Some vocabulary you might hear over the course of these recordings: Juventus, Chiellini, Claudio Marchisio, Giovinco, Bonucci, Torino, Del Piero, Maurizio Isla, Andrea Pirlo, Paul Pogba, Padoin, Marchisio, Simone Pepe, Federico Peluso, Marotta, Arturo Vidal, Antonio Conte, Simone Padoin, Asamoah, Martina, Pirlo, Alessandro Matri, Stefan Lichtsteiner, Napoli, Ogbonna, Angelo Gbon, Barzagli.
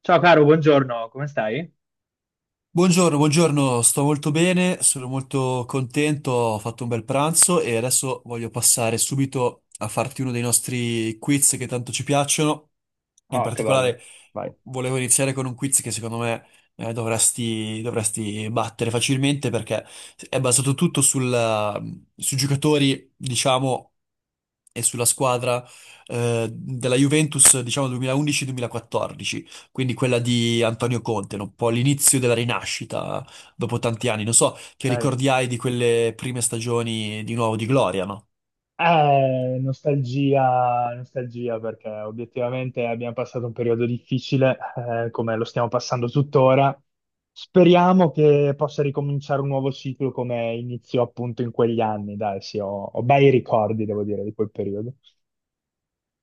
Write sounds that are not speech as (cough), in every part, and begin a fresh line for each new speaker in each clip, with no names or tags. Ciao caro, buongiorno, come stai?
Buongiorno, buongiorno, sto molto bene, sono molto contento, ho fatto un bel pranzo e adesso voglio passare subito a farti uno dei nostri quiz che tanto ci piacciono. In
Ah, che bello.
particolare
Vai.
volevo iniziare con un quiz che secondo me dovresti battere facilmente perché è basato tutto sui giocatori, diciamo, e sulla squadra della Juventus, diciamo, 2011-2014, quindi quella di Antonio Conte, no? Un po' l'inizio della rinascita dopo tanti anni. Non so che
Ok.
ricordi hai di quelle prime stagioni di nuovo di Gloria, no?
Nostalgia, nostalgia perché obiettivamente abbiamo passato un periodo difficile, come lo stiamo passando tuttora. Speriamo che possa ricominciare un nuovo ciclo come iniziò appunto in quegli anni. Dai, sì, ho bei ricordi, devo dire, di quel periodo.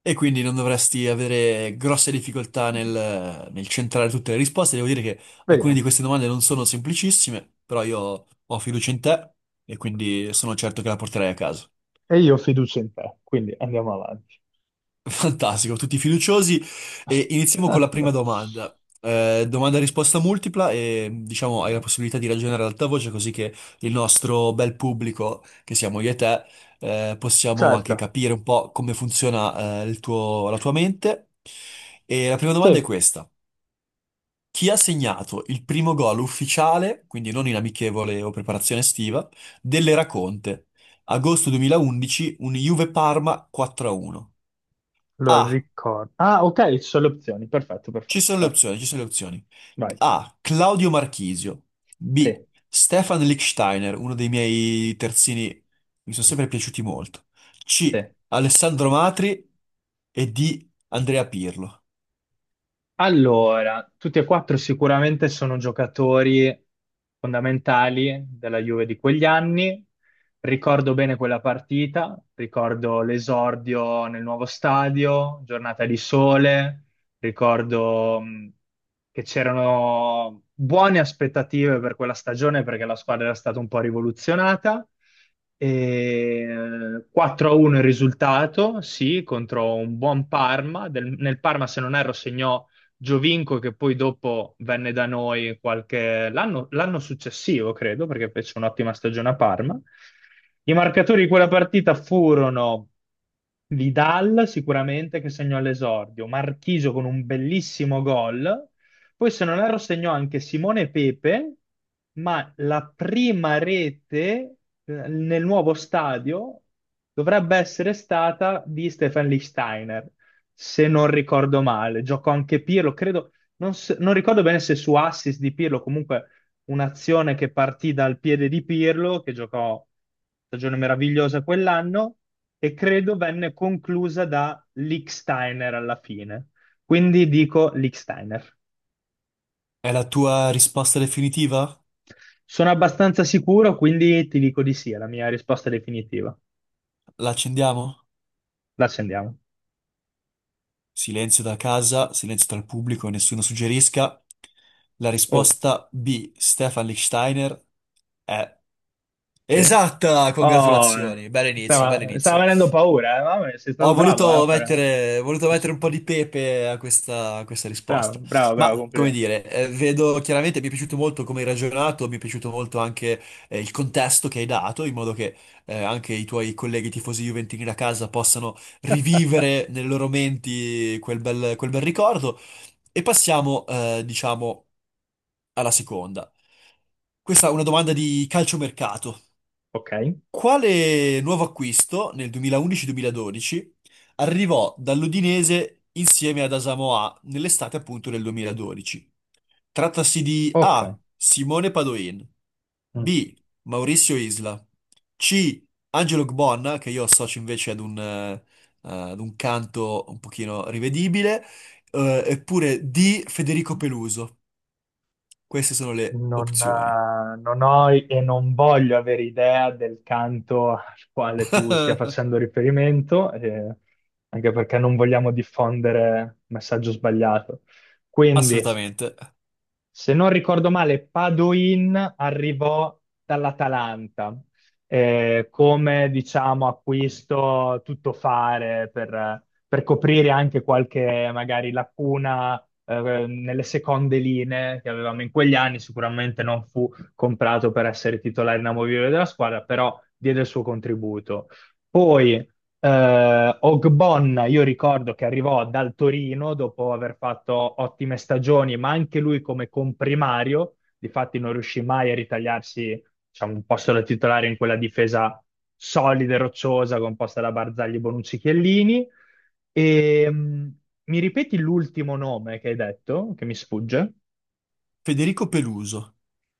E quindi non dovresti avere grosse difficoltà nel centrare tutte le risposte. Devo dire che alcune di
Vediamo.
queste domande non sono semplicissime, però io ho fiducia in te e quindi sono certo che la porterai a casa.
E io ho fiducia in te, quindi andiamo avanti.
Fantastico, tutti fiduciosi e iniziamo con la prima
(laughs)
domanda. Domanda a risposta multipla e diciamo hai la possibilità di ragionare ad alta voce così che il nostro bel pubblico, che siamo io e te, possiamo anche
Certo.
capire un po' come funziona, la tua mente. E la prima domanda è
Sì.
questa. Chi ha segnato il primo gol ufficiale, quindi non in amichevole o preparazione estiva, dell'Era Conte? Agosto 2011, un Juve-Parma 4-1. A. Uno.
Allora,
A.
ricordo. Ah, ok, ci sono le opzioni. Perfetto,
Ci
perfetto.
sono le
Vai.
opzioni, ci sono le opzioni.
Vai.
A. Claudio Marchisio.
Sì,
B. Stefan Lichtsteiner, uno dei miei terzini, mi sono sempre piaciuti molto.
sì.
C. Alessandro Matri e D. Andrea Pirlo.
Allora, tutti e quattro sicuramente sono giocatori fondamentali della Juve di quegli anni. Ricordo bene quella partita, ricordo l'esordio nel nuovo stadio, giornata di sole, ricordo che c'erano buone aspettative per quella stagione perché la squadra era stata un po' rivoluzionata. E 4-1 il risultato, sì, contro un buon Parma. Nel Parma, se non erro, segnò Giovinco che poi dopo venne da noi qualche... l'anno successivo, credo, perché fece un'ottima stagione a Parma. I marcatori di quella partita furono Vidal, sicuramente, che segnò all'esordio, Marchisio con un bellissimo gol, poi se non erro segnò anche Simone Pepe, ma la prima rete nel nuovo stadio dovrebbe essere stata di Stefan Lichtsteiner se non ricordo male. Giocò anche Pirlo, credo, non ricordo bene se su assist di Pirlo, comunque un'azione che partì dal piede di Pirlo, che giocò stagione meravigliosa quell'anno, e credo venne conclusa da Licksteiner alla fine. Quindi dico Licksteiner.
È la tua risposta definitiva?
Sono abbastanza sicuro, quindi ti dico di sì, è la mia risposta definitiva.
La accendiamo?
L'accendiamo.
Silenzio da casa, silenzio dal pubblico, nessuno suggerisca. La
Oh,
risposta B. Stefan Lichtsteiner è
sì.
esatta!
Oh,
Congratulazioni, bell'inizio,
stava
bell'inizio.
venendo paura, eh? Mamma mia, sei
Ho
stato bravo,
voluto
a fare...
mettere, ho voluto
a
mettere un po'
suonare.
di pepe a a questa
Bravo,
risposta.
bravo,
Ma,
bravo,
come
complimenti.
dire, vedo chiaramente, mi è piaciuto molto come hai ragionato, mi è piaciuto molto anche il contesto che hai dato, in modo che anche i tuoi colleghi tifosi juventini da casa possano
(laughs)
rivivere nelle loro menti quel bel ricordo. E passiamo, diciamo, alla seconda. Questa è una domanda di calciomercato.
Ok,
Quale nuovo acquisto nel 2011-2012 arrivò dall'Udinese insieme ad Asamoah nell'estate appunto del 2012? Trattasi di
ok.
A. Simone Padoin,
Mm.
B. Maurizio Isla, C. Angelo Gbon, che io associo invece ad ad un canto un pochino rivedibile, eppure D. Federico Peluso. Queste sono le opzioni.
Non ho e non voglio avere idea del canto al quale tu stia
(laughs)
facendo riferimento, anche perché non vogliamo diffondere messaggio sbagliato. Quindi,
Assolutamente.
se non ricordo male, Padoin arrivò dall'Atalanta come, diciamo, acquisto tuttofare per coprire anche qualche, magari, lacuna nelle seconde linee che avevamo in quegli anni. Sicuramente non fu comprato per essere titolare inamovibile della squadra, però diede il suo contributo. Poi, Ogbonna, io ricordo che arrivò dal Torino dopo aver fatto ottime stagioni, ma anche lui come comprimario, difatti non riuscì mai a ritagliarsi, diciamo, un posto da titolare in quella difesa solida e rocciosa composta da Barzagli, Bonucci, Chiellini. E, mi ripeti l'ultimo nome che hai detto, che mi sfugge?
Federico Peluso.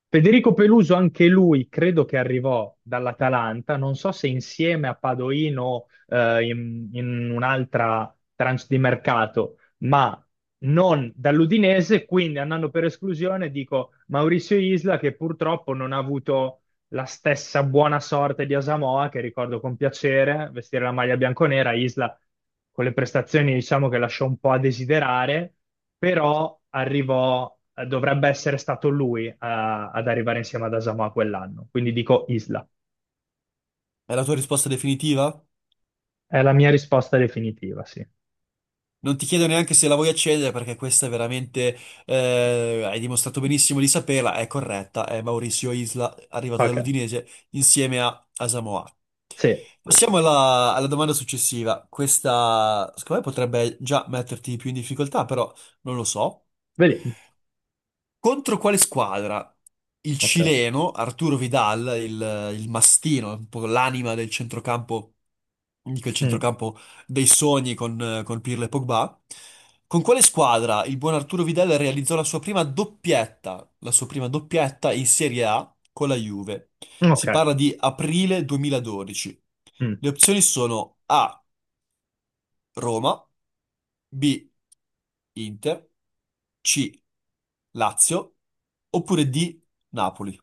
Federico Peluso, anche lui, credo che arrivò dall'Atalanta, non so se insieme a Padoino o in un'altra tranche di mercato, ma non dall'Udinese, quindi andando per esclusione dico Maurizio Isla che purtroppo non ha avuto la stessa buona sorte di Asamoah, che ricordo con piacere, vestire la maglia bianconera, Isla con le prestazioni diciamo che lasciò un po' a desiderare, però arrivò, dovrebbe essere stato lui ad arrivare insieme ad Asamoah quell'anno, quindi dico Isla.
È la tua risposta definitiva?
È la mia risposta definitiva, sì.
Non ti chiedo neanche se la vuoi accedere perché questa è veramente, hai dimostrato benissimo di saperla, è corretta, è Maurizio Isla, arrivato
Ok,
dall'Udinese insieme a Asamoah.
sì, sì, sì,
Passiamo
sì.
alla domanda successiva. Questa, secondo me, potrebbe già metterti più in difficoltà, però non lo so.
Vedi?
Contro quale squadra? Il
Ok.
cileno Arturo Vidal, il mastino, un po' l'anima del centrocampo, di quel
Mm.
centrocampo dei sogni con Pirlo e Pogba. Con quale squadra il buon Arturo Vidal realizzò la sua prima doppietta, la sua prima doppietta in Serie A con la Juve?
Ok.
Si parla di aprile 2012.
Mm.
Le opzioni sono A, Roma, B, Inter, C. Lazio oppure D, Napoli.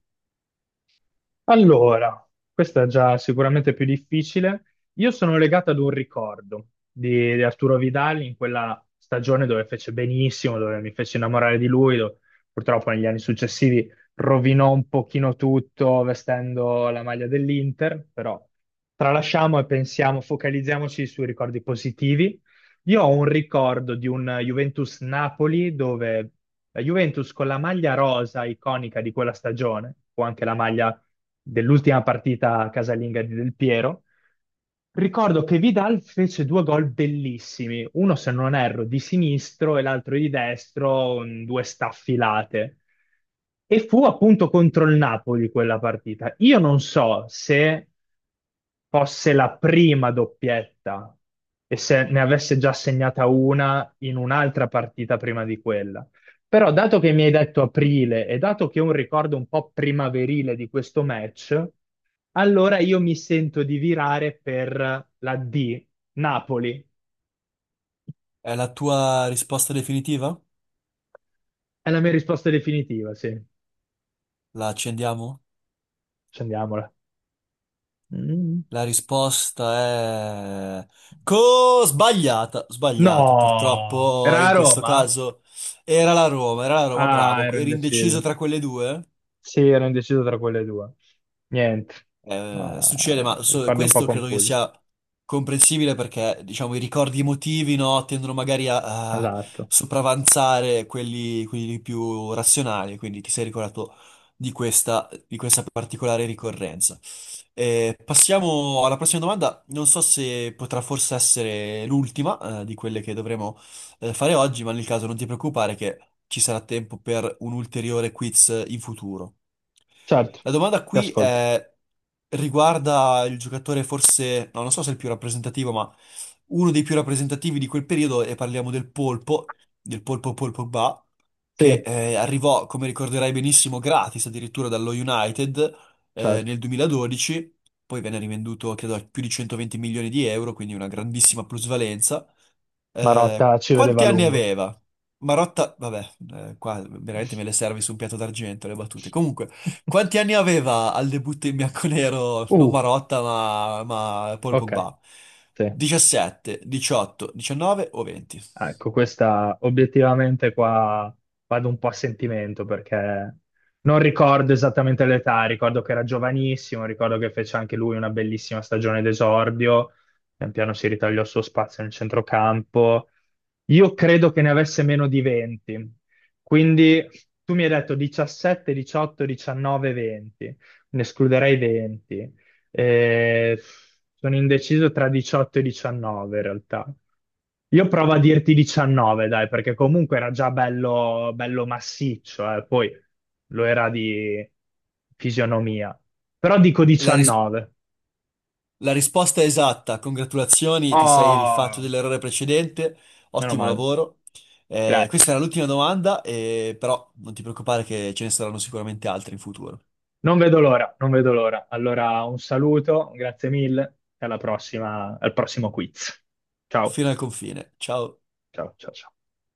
Allora, questa è già sicuramente più difficile. Io sono legato ad un ricordo di Arturo Vidal in quella stagione dove fece benissimo, dove mi fece innamorare di lui, dove purtroppo negli anni successivi rovinò un pochino tutto vestendo la maglia dell'Inter, però tralasciamo e pensiamo, focalizziamoci sui ricordi positivi. Io ho un ricordo di un Juventus-Napoli dove la Juventus con la maglia rosa iconica di quella stagione, o anche la maglia dell'ultima partita casalinga di Del Piero. Ricordo che Vidal fece due gol bellissimi, uno se non erro di sinistro e l'altro di destro, due staffilate. E fu appunto contro il Napoli quella partita. Io non so se fosse la prima doppietta e se ne avesse già segnata una in un'altra partita prima di quella. Però, dato che mi hai detto aprile e dato che ho un ricordo un po' primaverile di questo match, allora io mi sento di virare per la D, Napoli.
È la tua risposta definitiva?
È la mia risposta definitiva, sì.
La accendiamo?
Scendiamola. Mm.
La risposta è... Sbagliata, sbagliata,
No,
purtroppo
era
in
a
questo
Roma?
caso era la Roma,
Ah,
bravo,
ero
eri indeciso
indeciso.
tra quelle due?
Sì, ero indeciso tra quelle due. Niente, ma
Succede, ma
ricordi un po'
questo credo che
confusi.
sia comprensibile perché, diciamo, i ricordi emotivi, no, tendono magari a, a
Esatto.
sopravanzare quelli, quelli più razionali, quindi ti sei ricordato di di questa particolare ricorrenza. Passiamo alla prossima domanda, non so se potrà forse essere l'ultima, di quelle che dovremo, fare oggi, ma nel caso non ti preoccupare che ci sarà tempo per un ulteriore quiz in futuro.
Certo,
La domanda
ti
qui
ascolto.
è, riguarda il giocatore forse, no, non so se è il più rappresentativo, ma uno dei più rappresentativi di quel periodo, e parliamo del Polpo, del Polpo Ba, che
Sì,
arrivò, come ricorderai benissimo, gratis addirittura dallo United
certo.
nel 2012, poi venne rivenduto, credo, a più di 120 milioni di euro, quindi una grandissima plusvalenza.
Marotta ci vedeva a
Quanti anni
lungo.
aveva? Marotta, vabbè, qua veramente me le servi su un piatto d'argento le battute. Comunque,
(laughs)
quanti anni aveva al debutto in bianconero, non
Uh,
Marotta, ma Paul
ok,
Pogba?
sì.
17, 18, 19 o 20?
Ah, ecco, questa obiettivamente qua vado un po' a sentimento perché non ricordo esattamente l'età, ricordo che era giovanissimo, ricordo che fece anche lui una bellissima stagione d'esordio, pian piano si ritagliò il suo spazio nel centrocampo. Io credo che ne avesse meno di 20, quindi tu mi hai detto 17, 18, 19, 20, ne escluderei 20. Eh, sono indeciso tra 18 e 19 in realtà. Io provo a dirti 19, dai, perché comunque era già bello, bello massiccio, poi lo era di fisionomia. Però dico
La, ris-
19.
la risposta è esatta, congratulazioni, ti sei rifatto
Oh,
dell'errore precedente,
meno
ottimo
male.
lavoro. Questa
Grazie.
era l'ultima domanda, però non ti preoccupare che ce ne saranno sicuramente altre in futuro.
Non vedo l'ora, non vedo l'ora. Allora, un saluto, grazie mille e alla prossima, al prossimo quiz. Ciao,
Fino al confine, ciao.
ciao, ciao, ciao.